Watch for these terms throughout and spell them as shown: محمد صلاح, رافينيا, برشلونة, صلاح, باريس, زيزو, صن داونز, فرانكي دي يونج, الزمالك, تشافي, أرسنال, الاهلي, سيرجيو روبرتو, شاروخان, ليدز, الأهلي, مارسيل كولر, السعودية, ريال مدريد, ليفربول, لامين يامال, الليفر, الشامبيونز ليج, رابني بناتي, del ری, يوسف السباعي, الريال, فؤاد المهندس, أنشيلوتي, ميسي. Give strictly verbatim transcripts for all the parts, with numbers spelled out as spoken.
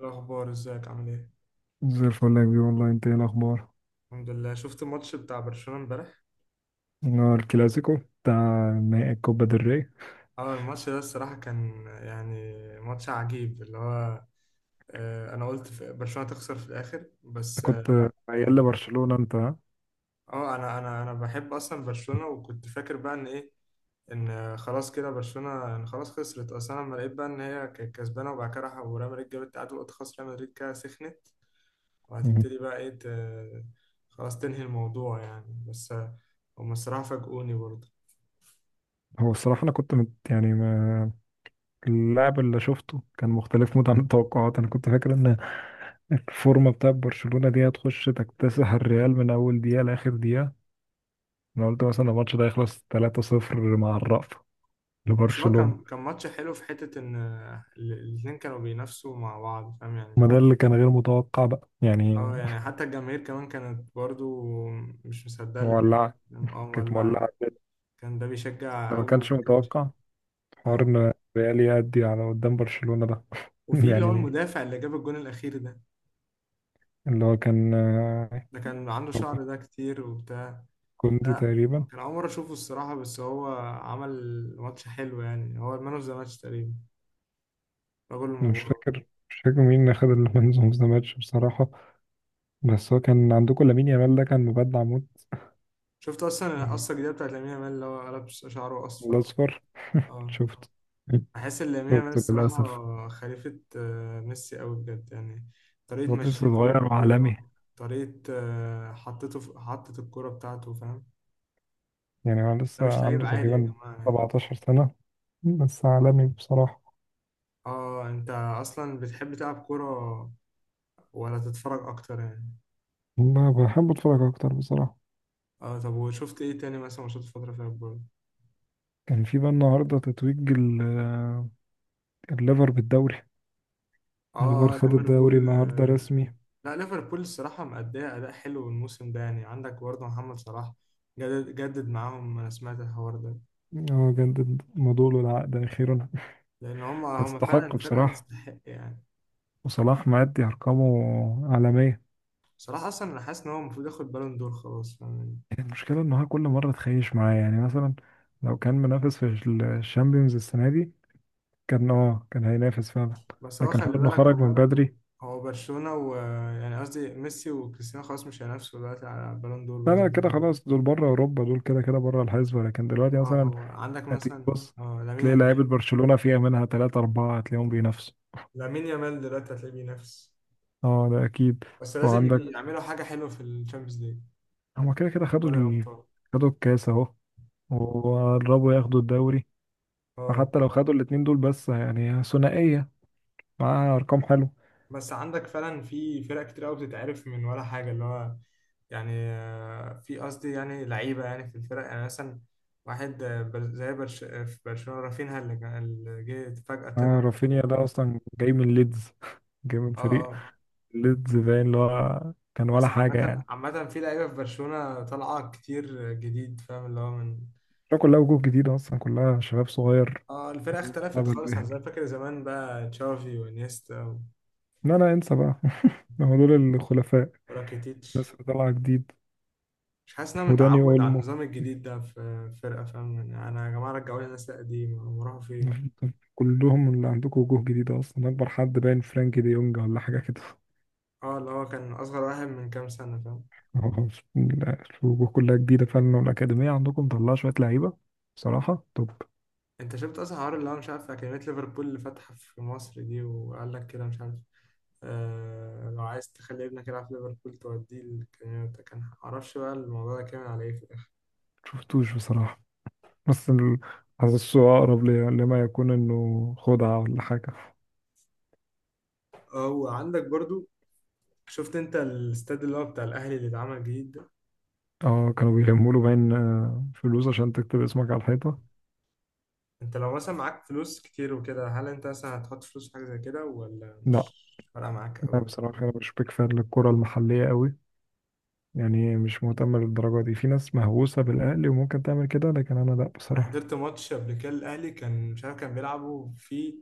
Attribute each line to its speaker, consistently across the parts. Speaker 1: الأخبار ازيك عامل ايه؟
Speaker 2: زي الفل يا كبير، والله. انت ايه الاخبار؟
Speaker 1: الحمد لله، شفت الماتش بتاع برشلونة امبارح؟
Speaker 2: انا الكلاسيكو بتاع نهائي الكوبا del ري.
Speaker 1: اه الماتش ده الصراحة كان يعني ماتش عجيب اللي هو آه، انا قلت في- برشلونة تخسر في الآخر بس
Speaker 2: انت
Speaker 1: آه،
Speaker 2: كنت
Speaker 1: لا.
Speaker 2: ميال
Speaker 1: اه
Speaker 2: لبرشلونة انت، ها؟
Speaker 1: آه، انا انا انا بحب اصلا برشلونة، وكنت فاكر بقى ان ايه، ان خلاص كده برشلونة، ان خلاص خسرت اصلا. لما لقيت بقى ان هي كانت كسبانة وبعد كده راح وريال مدريد جابت التعادل، قلت خلاص ريال مدريد كده سخنت
Speaker 2: مم.
Speaker 1: وهتبتدي بقى ايه ت- خلاص تنهي الموضوع يعني. بس آه، هم الصراحة فاجئوني برضه.
Speaker 2: هو الصراحة انا كنت مت، يعني ما اللاعب اللي شفته كان مختلف موت عن التوقعات. انا كنت فاكر ان الفورمة بتاع برشلونة دي هتخش تكتسح الريال من اول دقيقة لاخر دقيقة. انا قلت مثلا الماتش ده يخلص تلاتة صفر مع الرأفة
Speaker 1: بس هو
Speaker 2: لبرشلونة.
Speaker 1: كان كان ماتش حلو في حتة إن ال- الاتنين كانوا بينافسوا مع بعض فاهم يعني.
Speaker 2: ما ده اللي كان غير متوقع بقى يعني.
Speaker 1: أه يعني حتى الجماهير كمان كانت برضو مش مصدقة اللي
Speaker 2: مولعة.
Speaker 1: بيحصل. أه
Speaker 2: كانت
Speaker 1: مولعة.
Speaker 2: مولعة جدا.
Speaker 1: كان ده بيشجع
Speaker 2: ده ما
Speaker 1: أوي
Speaker 2: كانش
Speaker 1: وده كان مش.
Speaker 2: متوقع حوار
Speaker 1: أه
Speaker 2: ان ريال يأدي على قدام برشلونة ده.
Speaker 1: وفي اللي هو
Speaker 2: يعني
Speaker 1: المدافع اللي جاب الجون الأخير ده،
Speaker 2: اللي هو كان آه،
Speaker 1: ده كان عنده شعر ده كتير وبتاع.
Speaker 2: كوندي
Speaker 1: لا
Speaker 2: تقريبا.
Speaker 1: كان أول مرة أشوفه الصراحة، بس هو عمل ماتش حلو يعني. هو المان أوف ذا ماتش تقريبا، رجل
Speaker 2: أنا مش
Speaker 1: المباراة.
Speaker 2: فاكر مش فاكر مين اللي خد المان اوف ذا ماتش بصراحة. بس هو كان عندكم لامين يامال، ده كان مبدع موت.
Speaker 1: شفت أصلا القصة الجديدة بتاعت لامين يامال اللي هو قلب شعره أصفر؟
Speaker 2: الأصفر.
Speaker 1: أه
Speaker 2: شفت
Speaker 1: بحس ان لامين يامال
Speaker 2: شفت
Speaker 1: الصراحه
Speaker 2: للأسف.
Speaker 1: خليفه آه، ميسي قوي بجد يعني. طريقه
Speaker 2: هو لسه
Speaker 1: مشيته
Speaker 2: صغير وعالمي.
Speaker 1: بالكوره، طريقه آه، حطته في حطت الكوره بتاعته فاهم.
Speaker 2: يعني هو
Speaker 1: ده
Speaker 2: لسه
Speaker 1: مش لعيب
Speaker 2: عنده
Speaker 1: عادي يا
Speaker 2: تقريبا
Speaker 1: جماعه يعني.
Speaker 2: سبعتاشر سنة، بس عالمي بصراحة.
Speaker 1: اه انت اصلا بتحب تلعب كوره ولا تتفرج اكتر يعني؟
Speaker 2: ما بحب أتفرج أكتر بصراحة.
Speaker 1: اه طب وشفت ايه تاني مثلا ماتشات الفتره فيها الجول؟
Speaker 2: كان في بقى النهاردة تتويج ال- آه، الليفر بالدوري. الليفر
Speaker 1: اه
Speaker 2: خد الدوري
Speaker 1: ليفربول
Speaker 2: النهارده
Speaker 1: آه.
Speaker 2: رسمي.
Speaker 1: لا ليفربول الصراحه مأدية اداء حلو الموسم ده يعني، عندك برضه محمد صلاح جدد جدد معاهم، انا سمعت الحوار ده.
Speaker 2: هو جدد مدوله العقد أخيرا.
Speaker 1: لان هم هم فعلا
Speaker 2: يستحق
Speaker 1: فرقه
Speaker 2: بصراحة.
Speaker 1: تستحق يعني.
Speaker 2: وصلاح مأدي أرقامه عالمية.
Speaker 1: بصراحه اصلا انا حاسس ان هو المفروض ياخد بالون دور خلاص، فاهمني.
Speaker 2: المشكلة إن هو كل مرة تخيش معاه. يعني مثلا لو كان منافس في الشامبيونز السنة دي، كان اه كان هينافس فعلا.
Speaker 1: بس هو
Speaker 2: لكن
Speaker 1: خلي
Speaker 2: حوار إنه
Speaker 1: بالك
Speaker 2: خرج من
Speaker 1: هو،
Speaker 2: بدري.
Speaker 1: هو برشلونه و، يعني قصدي ميسي وكريستيانو خلاص مش هينافسوا دلوقتي على بالون دور
Speaker 2: لا،
Speaker 1: بقى زي
Speaker 2: لا، كده
Speaker 1: زمان.
Speaker 2: خلاص دول بره أوروبا. دول كده كده بره الحسبة، لكن دلوقتي
Speaker 1: اه
Speaker 2: مثلا
Speaker 1: هو عندك
Speaker 2: هتيجي
Speaker 1: مثلا
Speaker 2: تبص
Speaker 1: اه لامين
Speaker 2: تلاقي لعيبة
Speaker 1: يعني،
Speaker 2: برشلونة فيها منها تلاتة أربعة هتلاقيهم بينافسوا.
Speaker 1: لامين يامال دلوقتي هتلاقيه بينافس.
Speaker 2: اه، ده أكيد.
Speaker 1: بس لازم يجي
Speaker 2: وعندك،
Speaker 1: يعملوا حاجه حلوه في الشامبيونز ليج،
Speaker 2: هما كده كده خدوا
Speaker 1: دوري
Speaker 2: ال...
Speaker 1: ابطال.
Speaker 2: خدوا الكاس اهو، وقربوا ياخدوا الدوري.
Speaker 1: اه
Speaker 2: فحتى لو خدوا الاتنين دول بس، يعني ثنائية معاها أرقام حلوة.
Speaker 1: بس عندك فعلا في فرق كتير قوي بتتعرف من ولا حاجه اللي هو، يعني آه، في قصدي يعني لعيبه يعني في الفرق يعني مثلا واحد آه، بر- زي برش آه، في برشلونه رافينها اللي كان- اللي جه فجاه طلع
Speaker 2: آه، رافينيا
Speaker 1: و.
Speaker 2: ده أصلا جاي من ليدز جاي من
Speaker 1: اه
Speaker 2: فريق
Speaker 1: اه،
Speaker 2: ليدز، باين اللي هو كان ولا
Speaker 1: بس
Speaker 2: حاجة
Speaker 1: عامه
Speaker 2: يعني.
Speaker 1: عامه في لعيبه في برشلونه طالعه كتير جديد فاهم اللي هو من.
Speaker 2: ده كلها وجوه جديدة أصلا، كلها شباب صغير.
Speaker 1: اه الفرقه اختلفت
Speaker 2: مستقبل
Speaker 1: خالص عن
Speaker 2: باهر.
Speaker 1: زمان. فاكر زمان بقى تشافي وانيستا
Speaker 2: لا، لا، انسى بقى هما دول الخلفاء، الناس
Speaker 1: وراكيتيتش؟
Speaker 2: اللي طالعة جديد.
Speaker 1: مش حاسس ان انا
Speaker 2: وداني
Speaker 1: متعود على
Speaker 2: أولمو.
Speaker 1: النظام الجديد ده في فرقه فاهم يعني. انا يا جماعه رجعوا لي الناس القديمه، هم راحوا فين؟
Speaker 2: كلهم اللي عندكم وجوه جديدة أصلا. أكبر حد باين فرانكي دي يونج ولا حاجة كده.
Speaker 1: اه اللي هو كان اصغر واحد من كام سنه فاهم.
Speaker 2: هو الوجوه كلها جديدة فعلا، والأكاديمية عندكم مطلعة شوية لعيبة بصراحة. طب
Speaker 1: انت شفت اصلا حوار اللي هو مش عارف اكاديميه ليفربول اللي فاتحه في مصر دي وقال لك كده مش عارف، آه لو عايز تخلي ابنك يلعب في ليفربول توديه الاكاديميه بتاع. كان معرفش بقى الموضوع ده كامل على ايه في الاخر.
Speaker 2: شفتوش بصراحة، بس ال- حاسسه أقرب ل- لما يكون إنه خدعة ولا حاجة.
Speaker 1: اه وعندك برضو، شفت انت الاستاد اللي هو بتاع الاهلي اللي اتعمل جديد ده؟
Speaker 2: اه، كانوا بيلموا له باين آه، فلوس عشان تكتب اسمك على الحيطة.
Speaker 1: انت لو مثلا معاك فلوس كتير وكده، هل انت مثلا هتحط فلوس في حاجه زي كده ولا
Speaker 2: لا.
Speaker 1: مش فارقه معاك
Speaker 2: أنا
Speaker 1: قوي؟
Speaker 2: بصراحة، أنا مش بيك فان للكرة المحلية قوي. يعني مش مهتم للدرجة دي. في ناس مهووسة بالأهلي وممكن تعمل كده، لكن أنا لا
Speaker 1: انا
Speaker 2: بصراحة.
Speaker 1: حضرت ماتش قبل كده، الاهلي كان مش عارف كان بيلعبوا في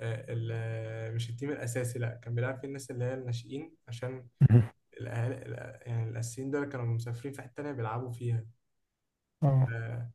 Speaker 1: آه، ال- آه، مش التيم الاساسي، لا كان بيلعب فيه الناس اللي هي الناشئين، عشان الاهالي الأ- يعني الاساسيين دول كانوا مسافرين في حته تانيه بيلعبوا فيها.
Speaker 2: اه،
Speaker 1: آه،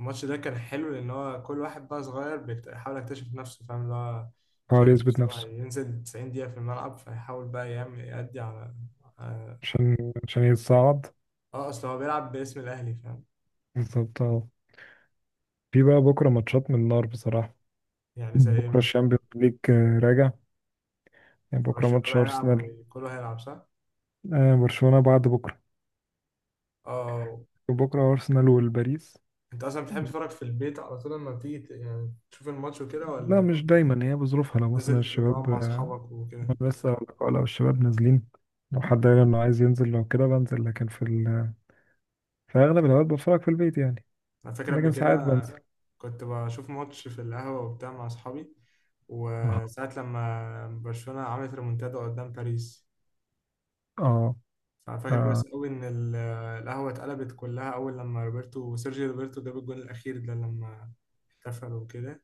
Speaker 1: الماتش ده كان حلو لان هو كل واحد بقى صغير بيكت- بيحاول يكتشف نفسه فاهم اللي هو
Speaker 2: حاول
Speaker 1: شايف
Speaker 2: يثبت
Speaker 1: نفسه
Speaker 2: نفسه
Speaker 1: هينزل تسعين دقيقه في الملعب، فيحاول بقى يعمل يأدي على.
Speaker 2: عشان عشان يتصعد
Speaker 1: اه اصل هو بيلعب باسم الاهلي فاهم.
Speaker 2: بالظبط، آه. في بقى بكرة ماتشات من النار بصراحة.
Speaker 1: يعني زي ايه
Speaker 2: بكرة
Speaker 1: مثلا؟
Speaker 2: الشامبيونز ليج آه، راجع. يعني بكرة
Speaker 1: برشلونه
Speaker 2: ماتش
Speaker 1: بقى هيلعب
Speaker 2: أرسنال.
Speaker 1: وكله هيلعب صح؟
Speaker 2: آه، برشلونة بعد بكرة.
Speaker 1: اه
Speaker 2: بكرة أرسنال والباريس.
Speaker 1: انت اصلا بتحب تتفرج في البيت على طول لما بتيجي ت- يعني تشوف الماتش وكده،
Speaker 2: لا،
Speaker 1: ولا
Speaker 2: مش دايما، هي بظروفها. لو مثلا
Speaker 1: بتنزل تقعد
Speaker 2: الشباب،
Speaker 1: مع
Speaker 2: آه،
Speaker 1: اصحابك وكده؟
Speaker 2: لسه أقول لك، لو الشباب نازلين، لو حد قال إنه عايز ينزل، لو كده بنزل. لكن في ال... في أغلب الأوقات بتفرج في البيت يعني،
Speaker 1: انا فاكر قبل
Speaker 2: لكن ساعات
Speaker 1: كده
Speaker 2: بنزل.
Speaker 1: كنت بشوف ماتش في القهوه وبتاع مع اصحابي،
Speaker 2: اه،
Speaker 1: وساعة لما برشلونة عملت ريمونتادا قدام باريس،
Speaker 2: آه،
Speaker 1: فأنا فاكر
Speaker 2: آه،
Speaker 1: كويس قوي إن ال- القهوة اتقلبت كلها أول لما روبرتو سيرجيو روبرتو جاب الجون الأخير ده، لما احتفل وكده.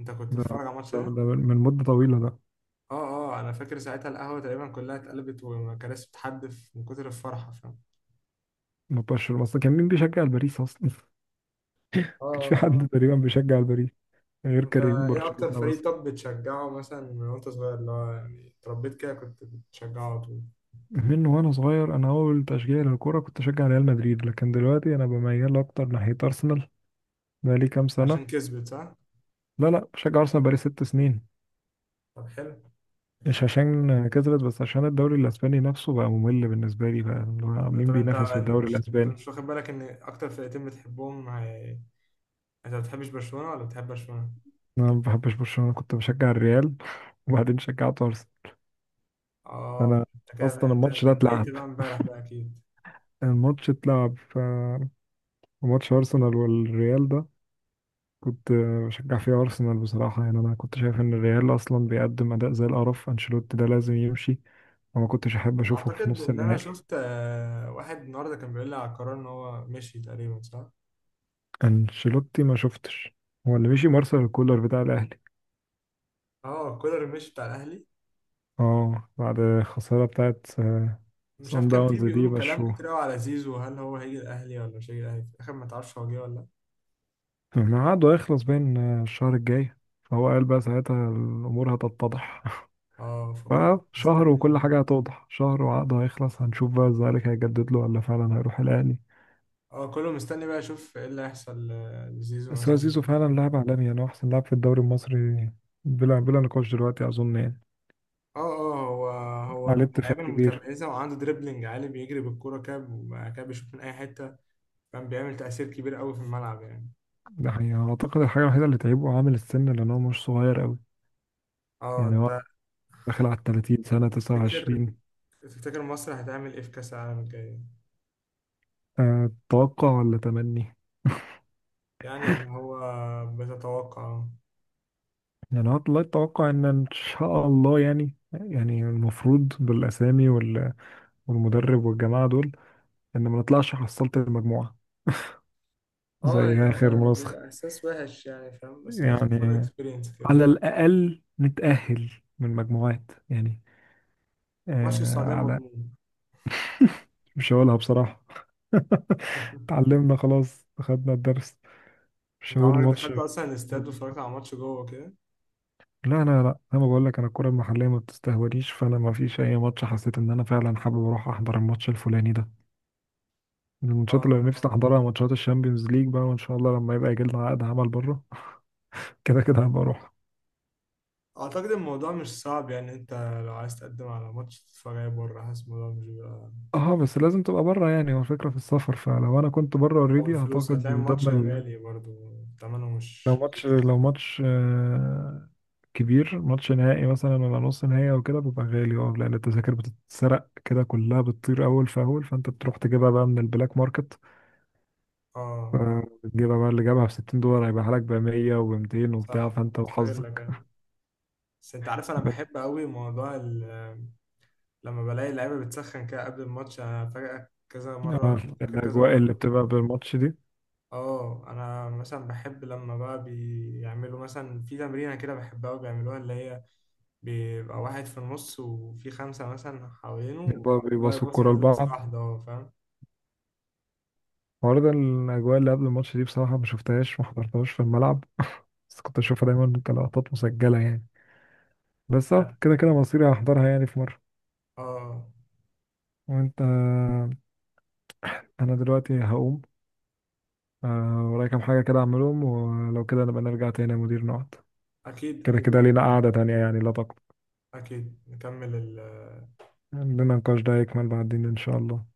Speaker 1: أنت كنت
Speaker 2: ده,
Speaker 1: بتتفرج على الماتش
Speaker 2: ده,
Speaker 1: ده؟
Speaker 2: ده من مدة طويلة ده.
Speaker 1: اه اه انا فاكر ساعتها القهوه تقريبا كلها اتقلبت وكراسي بتحدف من كتر الفرحه فاهم.
Speaker 2: مبقاش أصلا كان مين بيشجع الباريس أصلا؟ مكانش في
Speaker 1: اه
Speaker 2: حد تقريبا بيشجع الباريس غير
Speaker 1: انت
Speaker 2: كريم
Speaker 1: ايه اكتر
Speaker 2: برشلونة بس.
Speaker 1: فريق طب بتشجعه مثلا من وانت صغير اللي هو يعني اتربيت كده كنت بتشجعه على طول؟
Speaker 2: من وانا صغير، انا اول تشجيع للكوره كنت اشجع ريال مدريد، لكن دلوقتي انا بميل اكتر ناحيه ارسنال بقالي كام سنه.
Speaker 1: عشان كسبت صح؟
Speaker 2: لا، لا، بشجع ارسنال بقالي ست سنين.
Speaker 1: طب حلو.
Speaker 2: مش عشان كسبت، بس عشان الدوري الاسباني نفسه بقى ممل بالنسبه لي بقى. اللي هو
Speaker 1: آه،
Speaker 2: مين
Speaker 1: طب انت
Speaker 2: بينافس في
Speaker 1: انت
Speaker 2: الدوري
Speaker 1: مش انت
Speaker 2: الاسباني؟
Speaker 1: مش واخد بالك ان اكتر فرقتين بتحبهم هي… انت ما بتحبش برشلونه ولا بتحب برشلونه؟
Speaker 2: انا ما بحبش برشلونه، كنت بشجع الريال. وبعدين شجعت ارسنال.
Speaker 1: اه
Speaker 2: فانا
Speaker 1: انت كده،
Speaker 2: اصلا
Speaker 1: انت
Speaker 2: الماتش
Speaker 1: انت
Speaker 2: ده اتلعب،
Speaker 1: اتضايقت بقى امبارح بقى اكيد.
Speaker 2: الماتش اتلعب ف ماتش ارسنال والريال ده كنت بشجع فيه أرسنال بصراحة. يعني أنا كنت شايف إن الريال أصلا بيقدم أداء زي القرف. أنشيلوتي ده لازم يمشي، وما كنتش أحب أشوفه في
Speaker 1: اعتقد
Speaker 2: نص
Speaker 1: ان انا
Speaker 2: النهائي.
Speaker 1: شفت آه، واحد النهارده كان بيقول لي على القرار ان هو مشي تقريبا صح؟
Speaker 2: أنشيلوتي ما شفتش. هو اللي مشي مارسيل كولر بتاع الأهلي.
Speaker 1: اه كولر مش بتاع الاهلي.
Speaker 2: اه، بعد الخسارة بتاعت آه،
Speaker 1: مش عارف
Speaker 2: صن
Speaker 1: كان فيه
Speaker 2: داونز دي
Speaker 1: بيقولوا كلام
Speaker 2: مشوه.
Speaker 1: كتير قوي على زيزو، هل هو هيجي الاهلي ولا مش هيجي الاهلي في الاخر؟ ما تعرفش هو جه ولا لا؟
Speaker 2: ما عقده هيخلص بين آه، الشهر الجاي، فهو قال بقى ساعتها الأمور هتتضح.
Speaker 1: اه فكله
Speaker 2: بقى شهر
Speaker 1: مستني.
Speaker 2: وكل حاجة هتوضح. شهر وعقده هيخلص، هنشوف بقى الزمالك هيجدد له ولا فعلا هيروح الأهلي.
Speaker 1: اه كله مستني بقى يشوف ايه اللي هيحصل ل- لزيزو
Speaker 2: بس هو
Speaker 1: مثلا.
Speaker 2: زيزو فعلا لاعب عالمي. يعني هو أحسن لاعب في الدوري المصري بلا بلا نقاش دلوقتي، أظن يعني.
Speaker 1: اه اه هو، هو
Speaker 2: عليه
Speaker 1: من
Speaker 2: اتفاق
Speaker 1: اللعيبه
Speaker 2: كبير.
Speaker 1: المتميزه وعنده دريبلينج عالي، بيجري بالكوره كده وبعد كده بيشوط من اي حته. كان بيعمل تاثير كبير قوي في الملعب يعني.
Speaker 2: ده حقيقة، أعتقد الحاجة الوحيدة اللي تعيبه عامل السن، لأن هو مش صغير أوي.
Speaker 1: اه
Speaker 2: يعني
Speaker 1: انت،
Speaker 2: هو داخل على التلاتين سنة، تسعة
Speaker 1: تفتكر
Speaker 2: وعشرين
Speaker 1: تفتكر مصر هتعمل ايه في كاس العالم الجاي؟
Speaker 2: أه، توقع ولا تمني؟
Speaker 1: يعني اللي هو بتتوقع.
Speaker 2: يعني هو والله التوقع إن إن شاء الله يعني يعني المفروض بالأسامي وال- والمدرب والجماعة دول، إن ما نطلعش حصلت المجموعة
Speaker 1: اه
Speaker 2: زي آخر
Speaker 1: يعني
Speaker 2: منسخة.
Speaker 1: بيبقى احساس وحش يعني فاهم، بس لازم تاخد
Speaker 2: يعني
Speaker 1: اكسبيرينس كده.
Speaker 2: على الأقل نتأهل من مجموعات يعني.
Speaker 1: ماتش
Speaker 2: آه
Speaker 1: السعوديه
Speaker 2: على
Speaker 1: مضمون؟
Speaker 2: مش هقولها بصراحة. اتعلمنا خلاص، خدنا الدرس. مش
Speaker 1: انت
Speaker 2: هقول
Speaker 1: عمرك
Speaker 2: الماتش.
Speaker 1: دخلت اصلا الاستاد واتفرجت على ماتش جوه كده؟
Speaker 2: لا، لا، لا، انا بقول لك، انا الكرة المحلية ما بتستهونيش. فانا ما فيش اي ماتش حسيت ان انا فعلا حابب اروح احضر الماتش الفلاني ده. من الماتشات
Speaker 1: اه
Speaker 2: اللي نفسي احضرها ماتشات الشامبيونز ليج بقى، وان شاء الله لما يبقى يجي لنا عقد عمل بره كده كده هبقى اروح.
Speaker 1: اعتقد الموضوع مش صعب يعني. انت لو عايز تقدم على ماتش تتفرج عليه بره، حاسس الموضوع مش بيبقى،
Speaker 2: اه، بس لازم تبقى بره. يعني هو الفكرة في السفر، فلو انا كنت بره
Speaker 1: او
Speaker 2: اوريدي
Speaker 1: الفلوس،
Speaker 2: اعتقد
Speaker 1: هتلاقي
Speaker 2: من
Speaker 1: الماتش
Speaker 2: ضمن.
Speaker 1: غالي برضه ثمنه
Speaker 2: لو
Speaker 1: مش
Speaker 2: ماتش
Speaker 1: رخيص.
Speaker 2: لو ماتش آه، كبير، ماتش نهائي مثلا ولا نص نهائي او كده، بيبقى غالي. اه، لان التذاكر بتتسرق كده، كلها بتطير اول فاول. فانت بتروح تجيبها بقى من البلاك ماركت.
Speaker 1: اه
Speaker 2: فتجيبها بقى اللي جابها ب ستين دولار هيبقى لك ب مية و200 وبتاع،
Speaker 1: صح،
Speaker 2: فانت
Speaker 1: استغلك
Speaker 2: وحظك.
Speaker 1: يعني. بس انت عارف انا
Speaker 2: بس
Speaker 1: بحب قوي موضوع ال- لما بلاقي اللعيبه بتسخن كده قبل الماتش. انا فجأة كذا
Speaker 2: آه،
Speaker 1: مره فاكر كذا
Speaker 2: الاجواء اللي
Speaker 1: مره.
Speaker 2: بتبقى بالماتش دي
Speaker 1: اه انا مثلا بحب لما بقى بيعملوا مثلا في تمرينه كده، بحبها وبيعملوها اللي هي بيبقى واحد في النص وفي خمسه مثلا حوالينه
Speaker 2: بيبقى
Speaker 1: وبيقعدوا بقى
Speaker 2: بيباصوا
Speaker 1: يبصوا
Speaker 2: الكوره
Speaker 1: من لمسه
Speaker 2: لبعض.
Speaker 1: واحده، اه فاهم.
Speaker 2: برضه الاجواء اللي قبل الماتش دي بصراحه ما شفتهاش، ما حضرتهاش في الملعب. بس كنت اشوفها دايما كلقطات مسجله يعني. بس اه كده كده مصيري هحضرها يعني في مرة.
Speaker 1: اه
Speaker 2: وانت انا دلوقتي هقوم، آه، ورايا كام حاجة كده اعملهم، ولو كده نبقى نرجع تاني يا مدير نقعد.
Speaker 1: اكيد
Speaker 2: كده
Speaker 1: اكيد
Speaker 2: كده لينا قعدة تانية، يعني لا تقلق.
Speaker 1: اكيد. نكمل ال
Speaker 2: عندنا نقاش ده يكمل بعدين ان شاء الله.